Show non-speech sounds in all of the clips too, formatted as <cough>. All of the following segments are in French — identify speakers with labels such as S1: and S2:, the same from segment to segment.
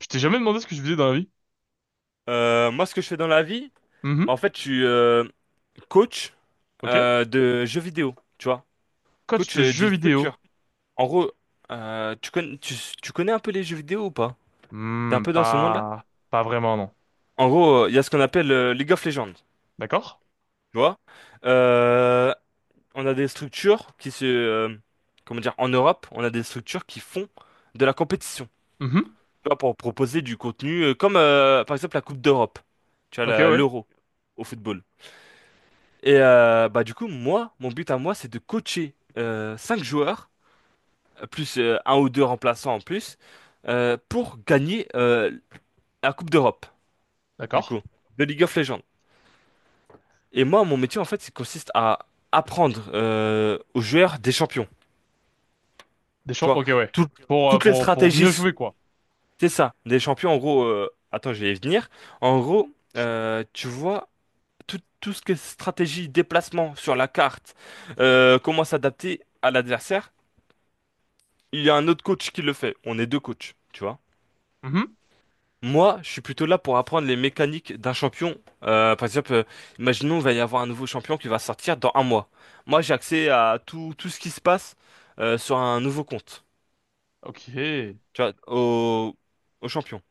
S1: Je t'ai jamais demandé ce que je faisais dans la vie.
S2: Moi, ce que je fais dans la vie, en
S1: Mhm.
S2: fait, je suis coach
S1: Ok.
S2: de jeux vidéo, tu vois.
S1: Coach
S2: Coach
S1: de jeux
S2: d'une
S1: vidéo.
S2: structure. En gros, tu connais, tu connais un peu les jeux vidéo ou pas? T'es un
S1: Hmm,
S2: peu dans ce monde-là?
S1: pas vraiment, non.
S2: En gros, il y a ce qu'on appelle League of Legends, tu
S1: D'accord?
S2: vois. Euh, on a des structures qui comment dire? En Europe, on a des structures qui font de la compétition,
S1: Mhm.
S2: tu vois, pour proposer du contenu, comme par exemple la Coupe d'Europe, tu vois,
S1: Ok, ouais.
S2: l'Euro au football. Et bah du coup, moi, mon but à moi, c'est de coacher 5 joueurs, plus un ou deux remplaçants en plus, pour gagner la Coupe d'Europe, du
S1: D'accord.
S2: coup, de League of Legends. Et moi, mon métier, en fait, il consiste à apprendre aux joueurs des champions.
S1: Des
S2: Tu
S1: champs,
S2: vois,
S1: ok, ouais.
S2: Tout-
S1: Pour, euh,
S2: toutes les
S1: pour, pour mieux
S2: stratégies,
S1: jouer, quoi.
S2: c'est ça. Des champions, en gros, attends, je vais y venir. En gros, tu vois, tout ce qui est stratégie, déplacement sur la carte, comment s'adapter à l'adversaire. Il y a un autre coach qui le fait. On est deux coachs, tu vois.
S1: Mhm.
S2: Moi, je suis plutôt là pour apprendre les mécaniques d'un champion. Par exemple, imaginons qu'il va y avoir un nouveau champion qui va sortir dans un mois. Moi, j'ai accès à tout, tout ce qui se passe sur un nouveau compte,
S1: Ok. Et
S2: tu vois, au champion.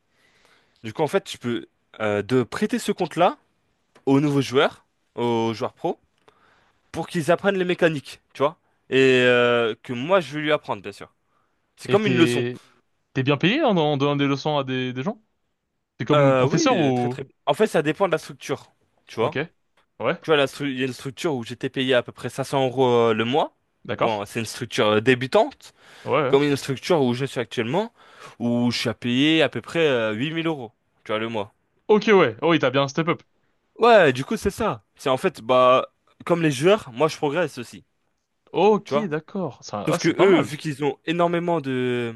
S2: Du coup, en fait, je peux de prêter ce compte-là aux nouveaux joueurs, aux joueurs pro, pour qu'ils apprennent les mécaniques, tu vois. Et que moi, je vais lui apprendre, bien sûr. C'est
S1: t'es,
S2: comme une leçon.
S1: t'es bien payé en donnant des leçons à des gens? T'es comme professeur
S2: Oui, très
S1: ou?
S2: très. En fait, ça dépend de la structure, tu
S1: Ok.
S2: vois.
S1: Ouais.
S2: Tu vois, il y a une structure où j'étais payé à peu près 500 euros le mois.
S1: D'accord.
S2: Bon, c'est une structure débutante,
S1: Ouais, ouais.
S2: comme une structure où je suis actuellement, où je suis à payer à peu près 8000 euros, tu vois, le mois.
S1: Ok, ouais. Oh, il t'a bien step up.
S2: Ouais, du coup, c'est ça. C'est en fait, bah, comme les joueurs, moi, je progresse aussi, tu
S1: Ok,
S2: vois.
S1: d'accord. Ça, ah,
S2: Sauf que
S1: c'est pas
S2: eux,
S1: mal.
S2: vu qu'ils ont énormément de,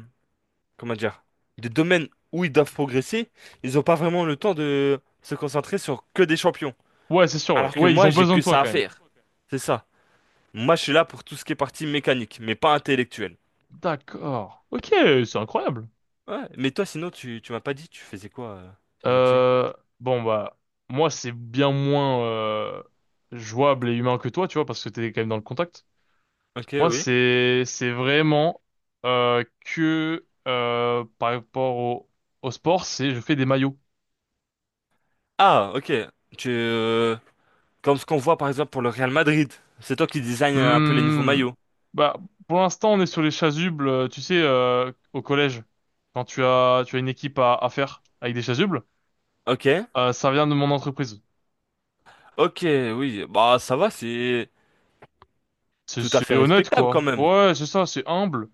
S2: comment dire, de domaines où ils doivent progresser, ils ont pas vraiment le temps de se concentrer sur que des champions.
S1: Ouais, c'est sûr, ouais.
S2: Alors que
S1: Ouais, ils
S2: moi,
S1: ont
S2: j'ai
S1: besoin
S2: que
S1: de toi
S2: ça à
S1: quand même.
S2: faire. C'est ça. Moi, je suis là pour tout ce qui est partie mécanique, mais pas intellectuelle.
S1: D'accord. Ok, c'est incroyable.
S2: Ouais, mais toi, sinon, tu m'as pas dit, tu faisais quoi comme métier?
S1: Euh, bon bah moi c'est bien moins jouable et humain que toi, tu vois, parce que t'es quand même dans le contact.
S2: Ok,
S1: Moi
S2: oui.
S1: c'est vraiment que par rapport au sport, c'est je fais des maillots.
S2: Ah, ok. Tu, euh, Comme ce qu'on voit par exemple pour le Real Madrid, c'est toi qui design un peu les nouveaux
S1: Hmm.
S2: maillots.
S1: Bah pour l'instant on est sur les chasubles, tu sais, au collège, quand tu as une équipe à faire avec des chasubles,
S2: Ok,
S1: ça vient de mon entreprise.
S2: ok, oui. Bah, ça va, c'est
S1: C'est
S2: tout à
S1: c'est
S2: fait
S1: honnête
S2: respectable quand
S1: quoi.
S2: même.
S1: Ouais, c'est ça, c'est humble.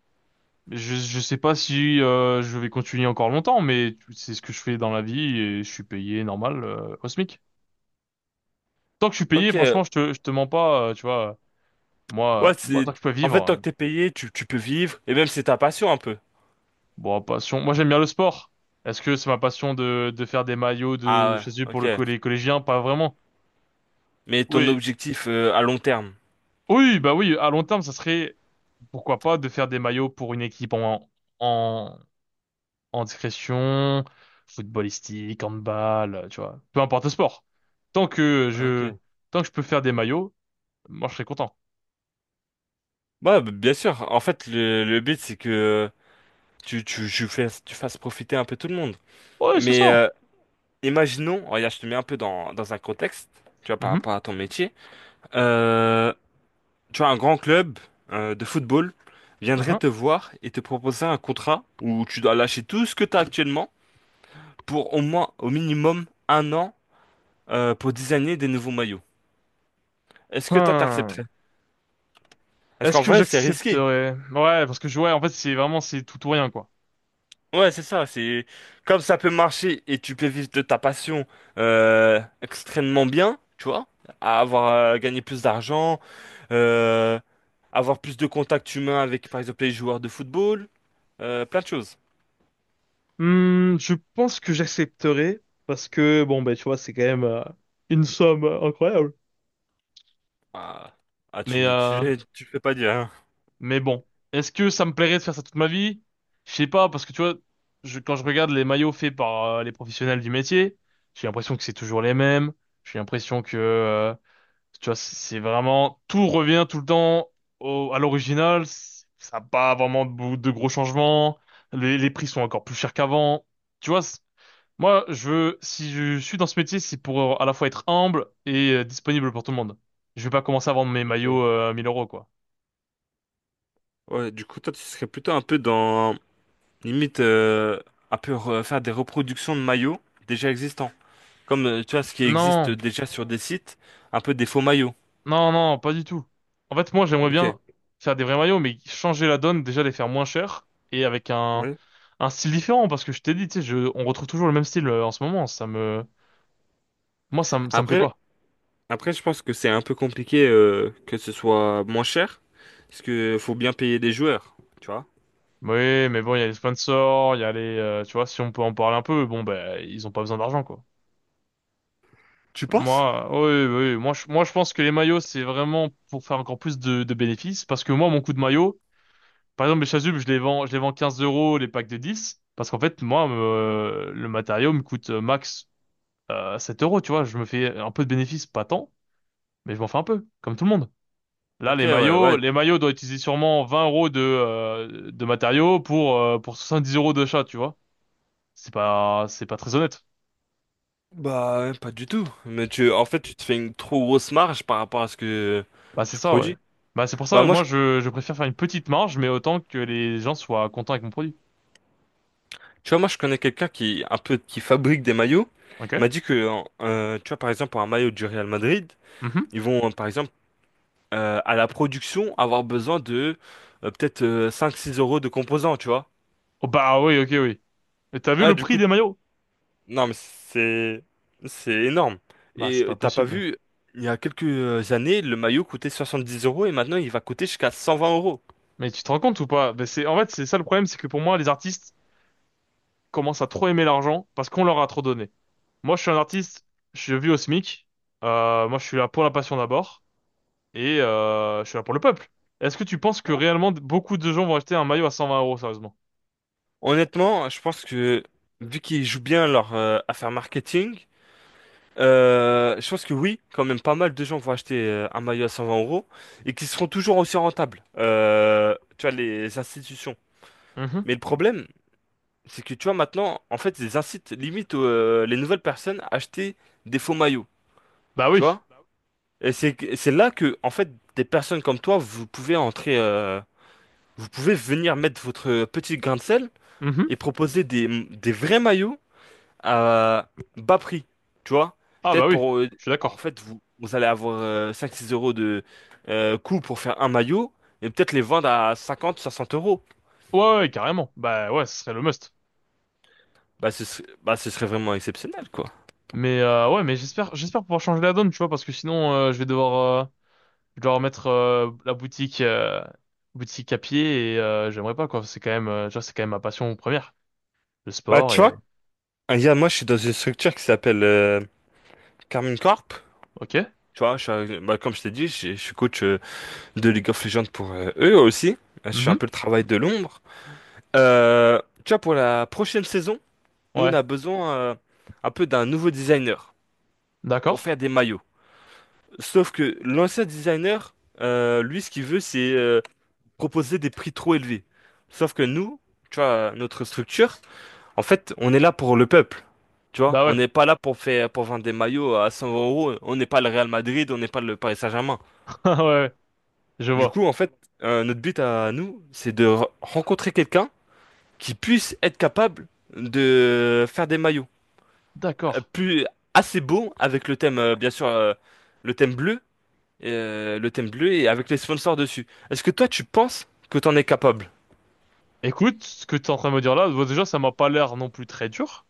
S1: Je sais pas si je vais continuer encore longtemps, mais c'est ce que je fais dans la vie et je suis payé normal au SMIC. Tant que je suis payé,
S2: Ok,
S1: franchement, je te mens pas, tu vois.
S2: ouais,
S1: Moi,
S2: c'est.
S1: tant que je peux
S2: En
S1: vivre,
S2: fait, tant que t'es payé, tu peux vivre, et même c'est ta passion un peu.
S1: bon, passion. Moi, j'aime bien le sport. Est-ce que c'est ma passion de faire des maillots de, je
S2: Ah
S1: sais,
S2: ouais,
S1: pour
S2: ok.
S1: les collégiens? Pas vraiment.
S2: Mais ton
S1: Oui,
S2: objectif à long terme.
S1: oui, bah oui. À long terme, ça serait pourquoi pas de faire des maillots pour une équipe en, en discrétion, footballistique, handball, tu vois, peu importe le sport. Tant que
S2: Ah, ok.
S1: je,
S2: Ouais,
S1: tant que je peux faire des maillots, moi je serai content.
S2: bah, bien sûr. En fait, le but, c'est que tu, tu fasses profiter un peu tout le monde.
S1: Ouais, c'est
S2: Mais
S1: ça.
S2: imaginons, oh, regarde, je te mets un peu dans un contexte, tu vois, par
S1: Mhm.
S2: rapport à ton métier. Euh, Tu vois, un grand club de football viendrait
S1: Mhm.
S2: te voir et te proposer un contrat où tu dois lâcher tout ce que tu as actuellement pour au moins, au minimum, un an pour designer des nouveaux maillots. Est-ce que toi,
S1: Hmm.
S2: t'accepterais? Parce
S1: Est-ce
S2: qu'en
S1: que
S2: vrai, c'est risqué.
S1: j'accepterais? Ouais, parce que ouais, en fait, c'est vraiment c'est tout ou rien quoi.
S2: Ouais, c'est ça, c'est comme ça peut marcher et tu peux vivre de ta passion extrêmement bien, tu vois, à avoir gagné plus d'argent, euh, avoir plus de contacts humains avec par exemple les joueurs de football, plein de choses.
S1: Hmm, je pense que j'accepterai parce que bon ben tu vois c'est quand même une somme incroyable.
S2: Ah, ah,
S1: Mais
S2: tu
S1: euh,
S2: tu fais pas dire, hein.
S1: Mais bon, est-ce que ça me plairait de faire ça toute ma vie? Je sais pas, parce que tu vois, quand je regarde les maillots faits par les professionnels du métier, j'ai l'impression que c'est toujours les mêmes. J'ai l'impression que, tu vois, c'est vraiment, tout revient tout le temps à l'original. Ça n'a pas vraiment de gros changements. Les prix sont encore plus chers qu'avant. Tu vois, moi, je veux, si je suis dans ce métier, c'est pour à la fois être humble et disponible pour tout le monde. Je vais pas commencer à vendre mes
S2: Ok.
S1: maillots à 1000 euros, quoi.
S2: Ouais, du coup toi tu serais plutôt un peu dans limite un peu faire des reproductions de maillots déjà existants, comme tu vois ce qui existe
S1: Non.
S2: déjà sur des sites, un peu des faux maillots.
S1: Non, non, pas du tout. En fait, moi, j'aimerais
S2: Ok.
S1: bien faire des vrais maillots, mais changer la donne, déjà les faire moins chers et avec un,
S2: Ouais.
S1: un style différent, parce que je t'ai dit, tu sais, on retrouve toujours le même style en ce moment. Moi, ça me plaît
S2: Après,
S1: pas.
S2: Après, je pense que c'est un peu compliqué que ce soit moins cher, parce que faut bien payer des joueurs, tu vois.
S1: Oui, mais bon, il y a les sponsors, il y a les, tu vois, si on peut en parler un peu, bon, ben, ils ont pas besoin d'argent, quoi.
S2: Tu penses?
S1: Moi, oui, oui, oui. Moi, je pense que les maillots, c'est vraiment pour faire encore plus de bénéfices, parce que moi, mon coup de maillot. Par exemple, mes chasubles, je les vends 15 € les packs de 10, parce qu'en fait, moi, le matériau me coûte max 7 euros, tu vois. Je me fais un peu de bénéfice, pas tant, mais je m'en fais un peu, comme tout le monde. Là,
S2: Ok,
S1: les
S2: ouais,
S1: maillots,
S2: ouais.
S1: les maillots doivent utiliser sûrement 20 € de matériaux pour 10 € de chat, tu vois. C'est pas très honnête.
S2: Bah, pas du tout. Mais tu, en fait, tu te fais une trop grosse marge par rapport à ce que
S1: Bah, c'est
S2: tu
S1: ça, ouais.
S2: produis.
S1: Bah, c'est pour ça
S2: Bah
S1: que
S2: moi, je,
S1: moi, je préfère faire une petite marge, mais autant que les gens soient contents avec mon produit.
S2: tu vois, moi, je connais quelqu'un qui un peu qui fabrique des maillots. Il m'a
S1: Ok?
S2: dit que, tu vois, par exemple, pour un maillot du Real Madrid,
S1: Mhm.
S2: ils vont, par exemple, à la production, avoir besoin de peut-être cinq six euros de composants, tu vois.
S1: Oh, bah oui, ok, oui. Et t'as vu
S2: Ah,
S1: le
S2: du
S1: prix
S2: coup,
S1: des maillots?
S2: non, mais c'est énorme.
S1: Bah,
S2: Et
S1: c'est pas
S2: t'as pas
S1: possible.
S2: vu, il y a quelques années, le maillot coûtait 70 euros et maintenant il va coûter jusqu'à 120 euros.
S1: Mais tu te rends compte ou pas? Ben, c'est, en fait, c'est ça le problème, c'est que pour moi, les artistes commencent à trop aimer l'argent parce qu'on leur a trop donné. Moi, je suis un artiste, je vis au SMIC, moi, je suis là pour la passion d'abord, et je suis là pour le peuple. Est-ce que tu penses que réellement beaucoup de gens vont acheter un maillot à 120 euros, sérieusement?
S2: Honnêtement, je pense que vu qu'ils jouent bien leur affaire marketing, je pense que oui, quand même pas mal de gens vont acheter un maillot à 120 euros et qui seront toujours aussi rentables. Tu vois, les institutions.
S1: Mhm.
S2: Mais le problème, c'est que tu vois maintenant, en fait, ils incitent limite les nouvelles personnes à acheter des faux maillots.
S1: Bah
S2: Tu
S1: oui.
S2: vois? Et c'est là que, en fait, des personnes comme toi, vous pouvez entrer, vous pouvez venir mettre votre petit grain de sel
S1: Mhm.
S2: et proposer des vrais maillots à bas prix, tu vois?
S1: Ah bah
S2: Peut-être
S1: oui,
S2: pour,
S1: je suis
S2: en
S1: d'accord.
S2: fait, vous allez avoir 5-6 euros de coût pour faire un maillot et peut-être les vendre à cinquante soixante euros.
S1: Ouais, ouais, carrément. Bah ouais, ce serait le must.
S2: Bah, ce serait vraiment exceptionnel, quoi.
S1: Ouais, mais j'espère pouvoir changer la donne, tu vois, parce que sinon, je vais devoir, euh, je dois remettre la boutique à pied et j'aimerais pas quoi. C'est quand même tu vois, c'est quand même ma passion première, le
S2: Bah,
S1: sport
S2: tu
S1: et
S2: vois, moi, je suis dans une structure qui s'appelle Carmine Corp.
S1: ok.
S2: Tu vois, bah, comme je t'ai dit, je suis coach de League of Legends pour eux aussi. Je fais un
S1: Mhm.
S2: peu le travail de l'ombre. Tu vois, pour la prochaine saison, nous, on
S1: Ouais,
S2: a besoin un peu d'un nouveau designer pour faire
S1: d'accord.
S2: des maillots. Sauf que l'ancien designer, lui, ce qu'il veut, c'est proposer des prix trop élevés. Sauf que nous, tu vois, notre structure, en fait, on est là pour le peuple. Tu vois,
S1: Bah
S2: on
S1: ouais,
S2: n'est pas là pour pour vendre des maillots à 100 euros. On n'est pas le Real Madrid, on n'est pas le Paris Saint-Germain.
S1: <laughs> ouais, ouais, je
S2: Du
S1: vois.
S2: coup, en fait, notre but à nous, c'est de rencontrer quelqu'un qui puisse être capable de faire des maillots
S1: D'accord.
S2: plus assez beaux avec le thème, bien sûr, le thème bleu, le thème bleu et avec les sponsors dessus. Est-ce que toi, tu penses que t'en es capable?
S1: Écoute, ce que tu es en train de me dire là, bon, déjà ça m'a pas l'air non plus très dur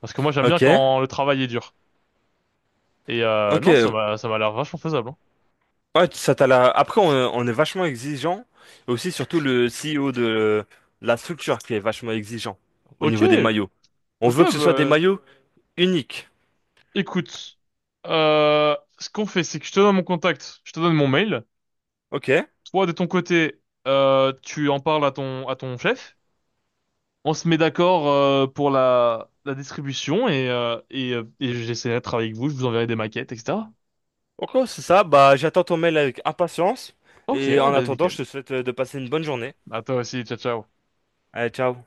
S1: parce que moi j'aime bien
S2: Ok,
S1: quand le travail est dur. Et
S2: ok.
S1: non, ça m'a l'air vachement faisable. Hein.
S2: Ouais, après, on est vachement exigeant. Et aussi, surtout, le CEO de la structure qui est vachement exigeant au niveau des
S1: Ok,
S2: maillots. On
S1: ok,
S2: veut que ce soit des
S1: bah
S2: maillots uniques.
S1: écoute, ce qu'on fait, c'est que je te donne mon contact, je te donne mon mail.
S2: Ok.
S1: Toi, de ton côté, tu en parles à ton, chef. On se met d'accord pour la distribution et j'essaierai de travailler avec vous. Je vous enverrai des maquettes, etc.
S2: Ok, c'est ça. Bah, j'attends ton mail avec impatience.
S1: Ok,
S2: Et en
S1: ben
S2: attendant,
S1: nickel.
S2: je te souhaite de passer une bonne journée.
S1: À toi aussi, ciao, ciao.
S2: Allez, ciao.